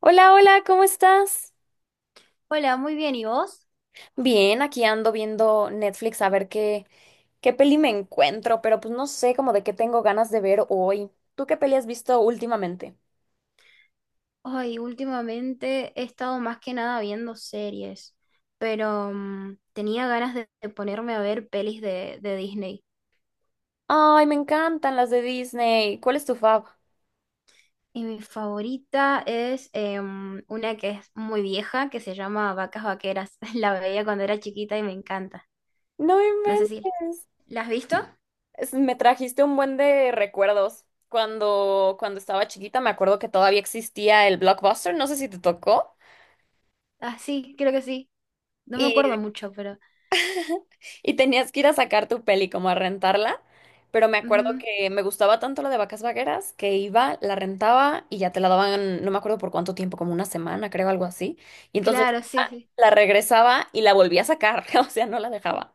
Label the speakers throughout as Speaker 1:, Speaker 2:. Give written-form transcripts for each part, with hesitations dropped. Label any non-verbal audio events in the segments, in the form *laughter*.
Speaker 1: Hola, hola, ¿cómo estás?
Speaker 2: Hola, muy bien, ¿y vos?
Speaker 1: Bien, aquí ando viendo Netflix a ver qué peli me encuentro, pero pues no sé como de qué tengo ganas de ver hoy. ¿Tú qué peli has visto últimamente?
Speaker 2: Ay, últimamente he estado más que nada viendo series, pero tenía ganas de ponerme a ver pelis de Disney.
Speaker 1: Ay, me encantan las de Disney. ¿Cuál es tu fav?
Speaker 2: Y mi favorita es una que es muy vieja, que se llama Vacas Vaqueras. *laughs* La veía cuando era chiquita y me encanta.
Speaker 1: No
Speaker 2: No sé si...
Speaker 1: inventes.
Speaker 2: ¿La has visto?
Speaker 1: Me trajiste un buen de recuerdos. Cuando estaba chiquita me acuerdo que todavía existía el Blockbuster, no sé si te tocó.
Speaker 2: Ah, sí, creo que sí. No me acuerdo mucho, pero...
Speaker 1: Y tenías que ir a sacar tu peli, como a rentarla. Pero me acuerdo
Speaker 2: Ujú.
Speaker 1: que me gustaba tanto lo de Vacas Vaqueras que iba, la rentaba y ya te la daban, no me acuerdo por cuánto tiempo, como una semana, creo, algo así. Y entonces
Speaker 2: Claro,
Speaker 1: *laughs* ah,
Speaker 2: sí, sí.
Speaker 1: la regresaba y la volvía a sacar, *laughs* o sea, no la dejaba.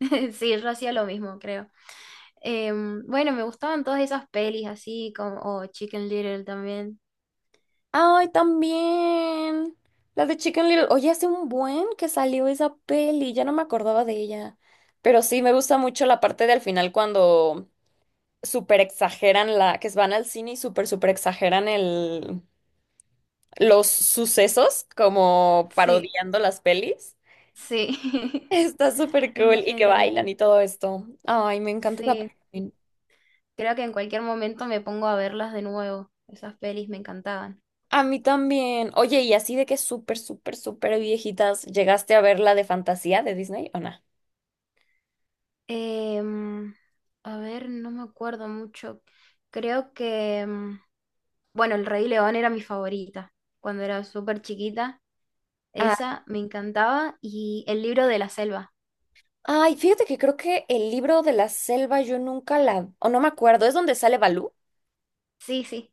Speaker 2: *laughs* Sí, yo hacía lo mismo, creo. Bueno, me gustaban todas esas pelis así, como oh, Chicken Little también.
Speaker 1: Ay, también. La de Chicken Little. Oye, hace un buen que salió esa peli, ya no me acordaba de ella. Pero sí, me gusta mucho la parte del final cuando súper exageran la, que van al cine y súper, súper exageran el los sucesos, como
Speaker 2: Sí,
Speaker 1: parodiando las pelis.
Speaker 2: sí,
Speaker 1: *laughs*
Speaker 2: *laughs*
Speaker 1: Está súper
Speaker 2: es muy
Speaker 1: cool y que
Speaker 2: genial.
Speaker 1: bailan y todo esto. Ay, me encanta esa
Speaker 2: Sí,
Speaker 1: parte.
Speaker 2: creo que en cualquier momento me pongo a verlas de nuevo. Esas pelis me encantaban.
Speaker 1: A mí también. Oye, y así de que súper, súper, súper viejitas, ¿llegaste a ver la de fantasía de Disney o no?
Speaker 2: Em, a ver, no me acuerdo mucho. Creo que, bueno, El Rey León era mi favorita cuando era súper chiquita.
Speaker 1: Ah,
Speaker 2: Esa me encantaba y El libro de la selva.
Speaker 1: ay, fíjate que creo que el libro de la selva yo nunca la, o no me acuerdo, ¿es donde sale Balú?
Speaker 2: Sí, sí,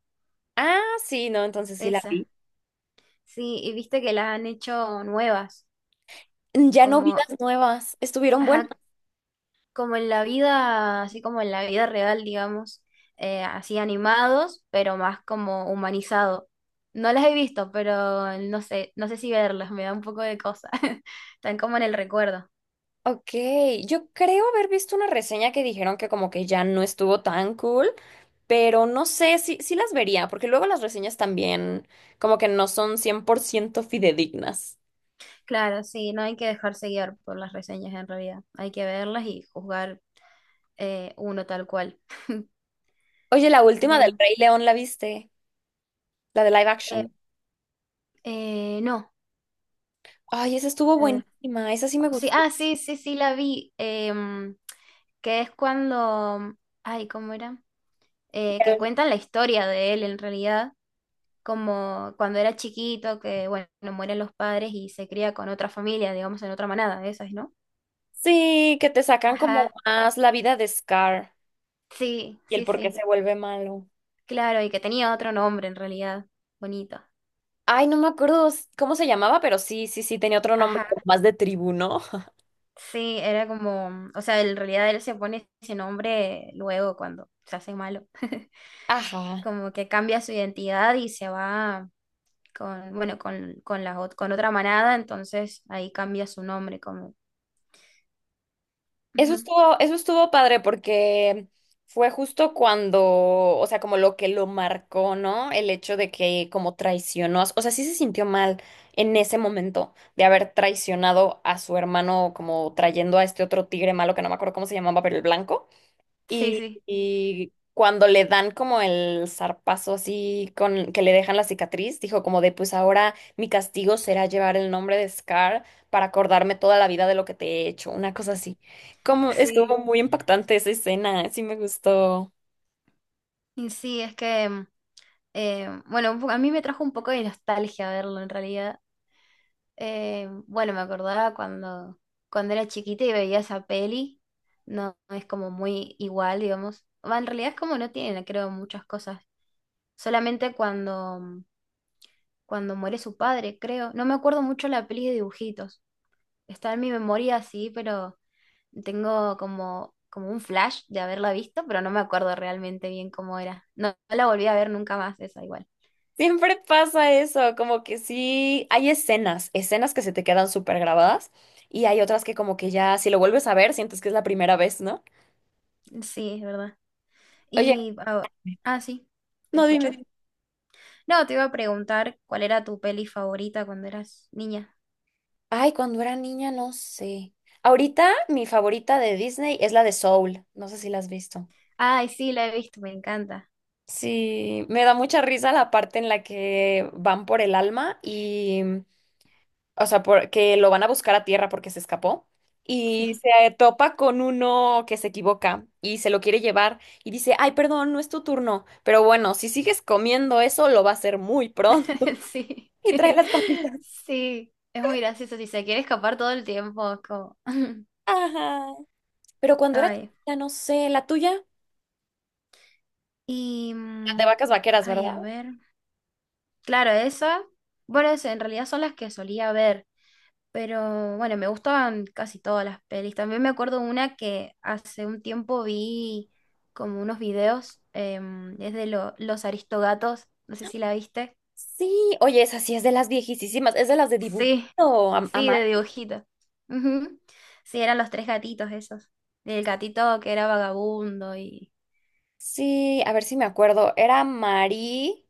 Speaker 1: Ah, sí, no, entonces sí la
Speaker 2: esa.
Speaker 1: vi.
Speaker 2: Sí, y viste que las han hecho nuevas,
Speaker 1: Ya no vi
Speaker 2: como,
Speaker 1: las nuevas, estuvieron buenas.
Speaker 2: ajá, como en la vida, así como en la vida real, digamos, así animados, pero más como humanizado. No las he visto, pero no sé, no sé si verlas, me da un poco de cosa. *laughs* Están como en el recuerdo.
Speaker 1: Ok, yo creo haber visto una reseña que dijeron que como que ya no estuvo tan cool. Pero no sé, sí, sí las vería, porque luego las reseñas también como que no son 100% fidedignas.
Speaker 2: Claro, sí, no hay que dejarse guiar por las reseñas en realidad. Hay que verlas y juzgar, uno tal cual.
Speaker 1: Oye, la última del
Speaker 2: Pero
Speaker 1: Rey León, ¿la viste? La de live
Speaker 2: eh,
Speaker 1: action.
Speaker 2: no.
Speaker 1: Ay, esa estuvo
Speaker 2: eh,
Speaker 1: buenísima, esa sí me
Speaker 2: sí,
Speaker 1: gustó.
Speaker 2: ah, sí, sí, sí, la vi. Que es cuando, ay, ¿cómo era? Que
Speaker 1: Pero
Speaker 2: cuentan la historia de él en realidad, como cuando era chiquito, que bueno, mueren los padres y se cría con otra familia, digamos, en otra manada de esas, ¿no?
Speaker 1: sí, que te sacan como
Speaker 2: Ajá,
Speaker 1: más la vida de Scar
Speaker 2: sí,
Speaker 1: y el
Speaker 2: sí,
Speaker 1: por qué
Speaker 2: sí,
Speaker 1: se vuelve malo.
Speaker 2: claro, y que tenía otro nombre en realidad, bonito.
Speaker 1: Ay, no me acuerdo cómo se llamaba, pero sí, sí, sí, tenía otro nombre, como
Speaker 2: Ajá,
Speaker 1: más de tribuno. *laughs*
Speaker 2: sí, era como, o sea, en realidad él se pone ese nombre luego cuando se hace malo, *laughs*
Speaker 1: Ajá.
Speaker 2: como que cambia su identidad y se va bueno, con la, con otra manada, entonces ahí cambia su nombre como...
Speaker 1: Eso
Speaker 2: Ujú.
Speaker 1: estuvo, eso estuvo padre porque fue justo cuando, o sea, como lo que lo marcó, ¿no? El hecho de que como traicionó, o sea, sí se sintió mal en ese momento de haber traicionado a su hermano como trayendo a este otro tigre malo que no me acuerdo cómo se llamaba, pero el blanco.
Speaker 2: Sí,
Speaker 1: Y,
Speaker 2: sí,
Speaker 1: y cuando le dan como el zarpazo así con que le dejan la cicatriz, dijo como de pues ahora mi castigo será llevar el nombre de Scar para acordarme toda la vida de lo que te he hecho, una cosa así. Como estuvo
Speaker 2: sí.
Speaker 1: muy impactante esa escena, sí me gustó.
Speaker 2: Y sí, es que, bueno, a mí me trajo un poco de nostalgia verlo en realidad. Bueno, me acordaba cuando, cuando era chiquita y veía esa peli, no es como muy igual, digamos. Va, en realidad es como no tienen, creo, muchas cosas. Solamente cuando, cuando muere su padre, creo. No me acuerdo mucho la peli de dibujitos. Está en mi memoria así, pero... Tengo como, como un flash de haberla visto, pero no me acuerdo realmente bien cómo era. No, no la volví a ver nunca más, esa igual.
Speaker 1: Siempre pasa eso, como que sí, hay escenas que se te quedan súper grabadas y hay otras que como que ya si lo vuelves a ver sientes que es la primera vez, ¿no?
Speaker 2: Sí, es verdad.
Speaker 1: Oye,
Speaker 2: Y, ah, sí, ¿te
Speaker 1: no,
Speaker 2: escuché?
Speaker 1: dime.
Speaker 2: No, te iba a preguntar cuál era tu peli favorita cuando eras niña.
Speaker 1: Ay, cuando era niña, no sé. Ahorita mi favorita de Disney es la de Soul. No sé si la has visto.
Speaker 2: Ay, sí, la he visto, me encanta.
Speaker 1: Sí, me da mucha risa la parte en la que van por el alma y, mm, o sea, porque lo van a buscar a tierra porque se escapó y
Speaker 2: Sí,
Speaker 1: se topa con uno que se equivoca y se lo quiere llevar y dice, ay, perdón, no es tu turno, pero bueno, si sigues comiendo eso lo va a hacer muy pronto
Speaker 2: *laughs*
Speaker 1: *laughs*
Speaker 2: sí,
Speaker 1: y trae las
Speaker 2: *laughs*
Speaker 1: papitas.
Speaker 2: sí, es muy gracioso. Si se quiere escapar todo el tiempo, es como... *laughs*
Speaker 1: Ajá. Pero cuando era
Speaker 2: Ay,
Speaker 1: chiquita, no sé, la tuya, la
Speaker 2: y...
Speaker 1: de
Speaker 2: mm,
Speaker 1: Vacas Vaqueras,
Speaker 2: Ay,
Speaker 1: ¿verdad?
Speaker 2: a ver. Claro, esa. Bueno, en realidad son las que solía ver, pero bueno, me gustaban casi todas las pelis. También me acuerdo una que hace un tiempo vi como unos videos, es de Los Aristogatos, no sé si la viste.
Speaker 1: Sí, oye, esa sí es de las viejísimas, es de las de dibujito,
Speaker 2: Sí,
Speaker 1: a
Speaker 2: sí,
Speaker 1: mano.
Speaker 2: de dibujito. Ujú. Sí, eran los tres gatitos esos. El gatito que era vagabundo y
Speaker 1: Sí, a ver si me acuerdo. Era Marie,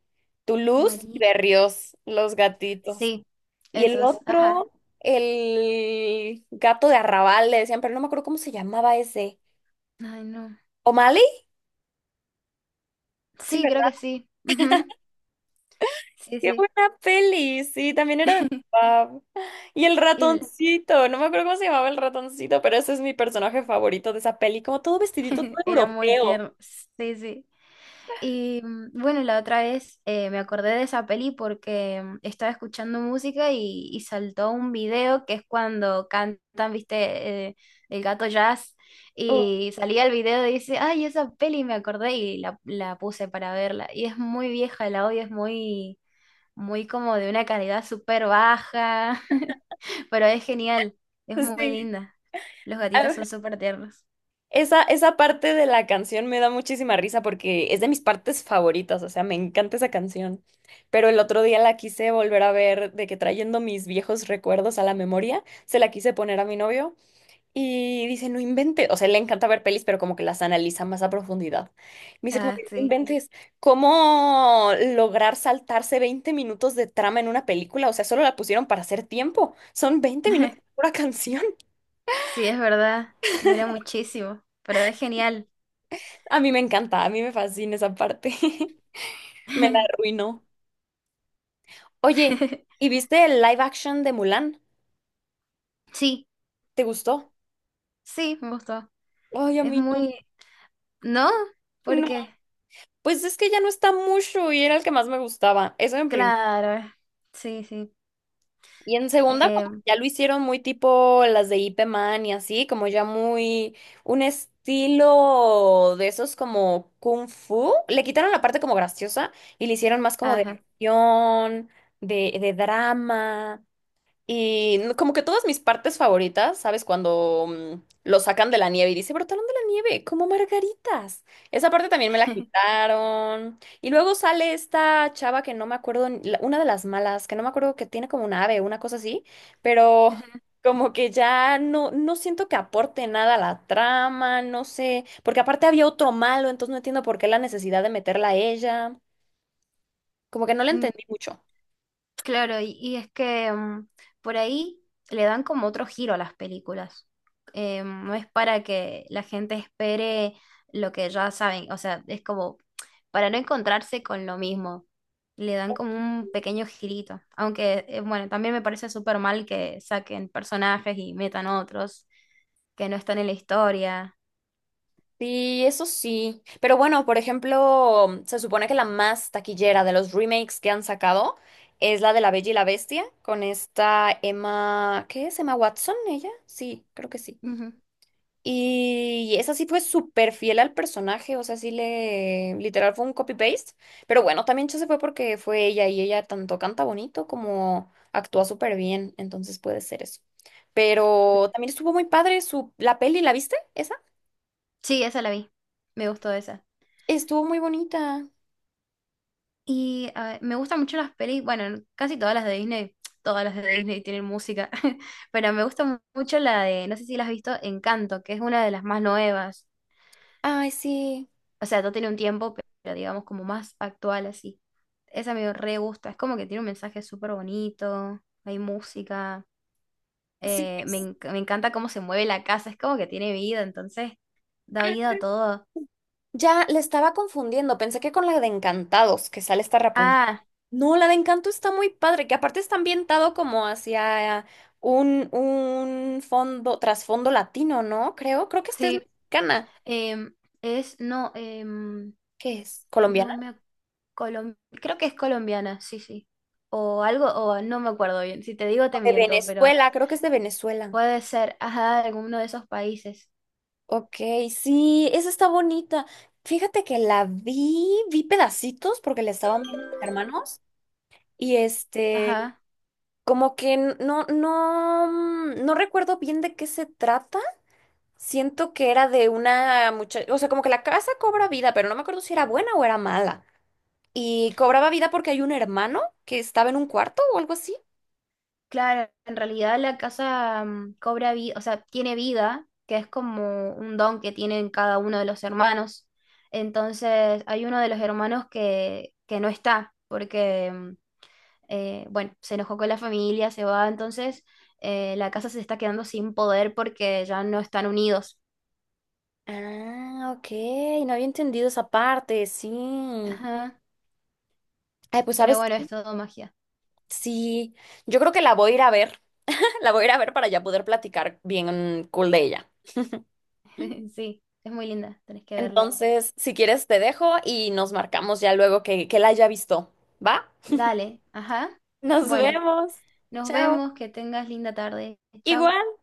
Speaker 1: Toulouse y
Speaker 2: María.
Speaker 1: Berrios, los gatitos.
Speaker 2: Sí,
Speaker 1: Y el
Speaker 2: esos,
Speaker 1: otro,
Speaker 2: ajá.
Speaker 1: el gato de Arrabal, le decían, pero no me acuerdo cómo se llamaba ese.
Speaker 2: Ay, no.
Speaker 1: ¿O'Malley? Sí,
Speaker 2: Sí, creo
Speaker 1: ¿verdad?
Speaker 2: que sí. Ujú.
Speaker 1: Qué
Speaker 2: Sí,
Speaker 1: buena peli, sí, también era de mi papá. Y el
Speaker 2: sí.
Speaker 1: ratoncito, no me acuerdo cómo se llamaba el ratoncito, pero ese es mi personaje favorito de esa peli, como todo vestidito, todo
Speaker 2: *laughs* Era muy
Speaker 1: europeo.
Speaker 2: tierno, sí, sí. Y bueno, la otra vez me acordé de esa peli porque estaba escuchando música y saltó un video que es cuando cantan, viste. El gato jazz.
Speaker 1: Uf,
Speaker 2: Y salía el video y dice, ay, esa peli me acordé y la puse para verla. Y es muy vieja, el audio es muy, muy como de una calidad súper baja, *laughs* pero es genial, es muy
Speaker 1: sí.
Speaker 2: linda. Los gatitos son
Speaker 1: *laughs*
Speaker 2: súper tiernos.
Speaker 1: Esa parte de la canción me da muchísima risa porque es de mis partes favoritas, o sea, me encanta esa canción. Pero el otro día la quise volver a ver, de que trayendo mis viejos recuerdos a la memoria, se la quise poner a mi novio y dice, no inventes, o sea, le encanta ver pelis, pero como que las analiza más a profundidad. Me dice, como,
Speaker 2: Ah,
Speaker 1: que, no
Speaker 2: sí.
Speaker 1: inventes, ¿cómo lograr saltarse 20 minutos de trama en una película? O sea, solo la pusieron para hacer tiempo, son 20 minutos de
Speaker 2: *laughs*
Speaker 1: pura canción. *laughs*
Speaker 2: Sí, es verdad, dura muchísimo, pero es genial.
Speaker 1: A mí me encanta, a mí me fascina esa parte. *laughs* Me la
Speaker 2: *laughs*
Speaker 1: arruinó. Oye, ¿y viste el live action de Mulan?
Speaker 2: Sí,
Speaker 1: ¿Te gustó?
Speaker 2: sí, me gustó.
Speaker 1: Ay, a
Speaker 2: Es
Speaker 1: mí
Speaker 2: muy... ¿No?
Speaker 1: no. No,
Speaker 2: Porque
Speaker 1: pues es que ya no está mucho y era el que más me gustaba. Eso en primera.
Speaker 2: claro, sí, sí.
Speaker 1: Y en segunda,
Speaker 2: Eh,
Speaker 1: como que ya lo hicieron muy tipo las de Ip Man y así, como ya muy un estilo de esos como kung fu. Le quitaron la parte como graciosa y le hicieron más como de
Speaker 2: ajá.
Speaker 1: acción, de drama. Como que todas mis partes favoritas, ¿sabes? Cuando mm, lo sacan de la nieve y dice, brotaron de la nieve, como margaritas. Esa parte también me la quitaron. Y luego sale esta chava que no me acuerdo, una de las malas, que no me acuerdo que tiene como un ave, una cosa así, pero
Speaker 2: *laughs*
Speaker 1: como que ya no, no siento que aporte nada a la trama, no sé, porque aparte había otro malo, entonces no entiendo por qué la necesidad de meterla a ella. Como que no la entendí mucho.
Speaker 2: Claro, y es que por ahí le dan como otro giro a las películas. No es para que la gente espere lo que ya saben, o sea, es como para no encontrarse con lo mismo. Le dan como un pequeño girito. Aunque, bueno, también me parece súper mal que saquen personajes y metan otros que no están en la historia.
Speaker 1: Sí, eso sí. Pero bueno, por ejemplo, se supone que la más taquillera de los remakes que han sacado es la de La Bella y la Bestia, con esta Emma, ¿qué es? Emma Watson, ella. Sí, creo que sí.
Speaker 2: Ujú.
Speaker 1: Y esa sí fue súper fiel al personaje, o sea, sí le, literal fue un copy-paste. Pero bueno, también se fue porque fue ella y ella tanto canta bonito como actúa súper bien, entonces puede ser eso. Pero también estuvo muy padre su, la peli, ¿la viste? ¿Esa?
Speaker 2: Sí, esa la vi. Me gustó esa.
Speaker 1: Estuvo muy bonita.
Speaker 2: Y a ver, me gustan mucho las pelis, bueno, casi todas las de Disney, todas las de Disney tienen música, *laughs* pero me gusta mucho la de, no sé si la has visto, Encanto, que es una de las más nuevas.
Speaker 1: Ay, sí.
Speaker 2: O sea, no tiene un tiempo, pero digamos como más actual así. Esa me re gusta, es como que tiene un mensaje súper bonito, hay música,
Speaker 1: Sí,
Speaker 2: me encanta cómo se mueve la casa, es como que tiene vida, entonces da vida a todo.
Speaker 1: ya le estaba confundiendo. Pensé que con la de Encantados, que sale esta Rapunzel.
Speaker 2: Ah,
Speaker 1: No, la de Encanto está muy padre, que aparte está ambientado como hacia un fondo, trasfondo latino, ¿no? Creo, creo que esta es
Speaker 2: sí,
Speaker 1: mexicana.
Speaker 2: em, es, no,
Speaker 1: ¿Qué es?
Speaker 2: no
Speaker 1: ¿Colombiana?
Speaker 2: me... Creo que es colombiana, sí, sí. O algo, o no me acuerdo bien. Si te digo, te
Speaker 1: De
Speaker 2: miento, pero
Speaker 1: Venezuela, creo que es de Venezuela.
Speaker 2: puede ser, ajá, alguno de esos países.
Speaker 1: Ok, sí, esa está bonita. Fíjate que la vi, vi pedacitos porque le estaban viendo a mis hermanos y este...
Speaker 2: Ajá.
Speaker 1: Como que no, no, mm, no recuerdo bien de qué se trata. Siento que era de una muchacha, o sea, como que la casa cobra vida, pero no me acuerdo si era buena o era mala. Y cobraba vida porque hay un hermano que estaba en un cuarto o algo así.
Speaker 2: Claro, en realidad la casa cobra vida, o sea, tiene vida, que es como un don que tienen cada uno de los hermanos. Entonces, hay uno de los hermanos que no está, porque, bueno, se enojó con la familia, se va, entonces la casa se está quedando sin poder porque ya no están unidos.
Speaker 1: Ah, ok, no había entendido esa parte, sí.
Speaker 2: Ajá.
Speaker 1: Ay, pues
Speaker 2: Pero
Speaker 1: sabes,
Speaker 2: bueno, es todo magia.
Speaker 1: sí, yo creo que la voy a ir a ver, *laughs* la voy a ir a ver para ya poder platicar bien cool de ella.
Speaker 2: *laughs* Sí, es muy linda, tenés que verla.
Speaker 1: Entonces, si quieres, te dejo y nos marcamos ya luego que la haya visto. ¿Va?
Speaker 2: Dale, ajá.
Speaker 1: Nos
Speaker 2: Bueno,
Speaker 1: vemos.
Speaker 2: nos
Speaker 1: Chao.
Speaker 2: vemos, que tengas linda tarde. Chau.
Speaker 1: Igual.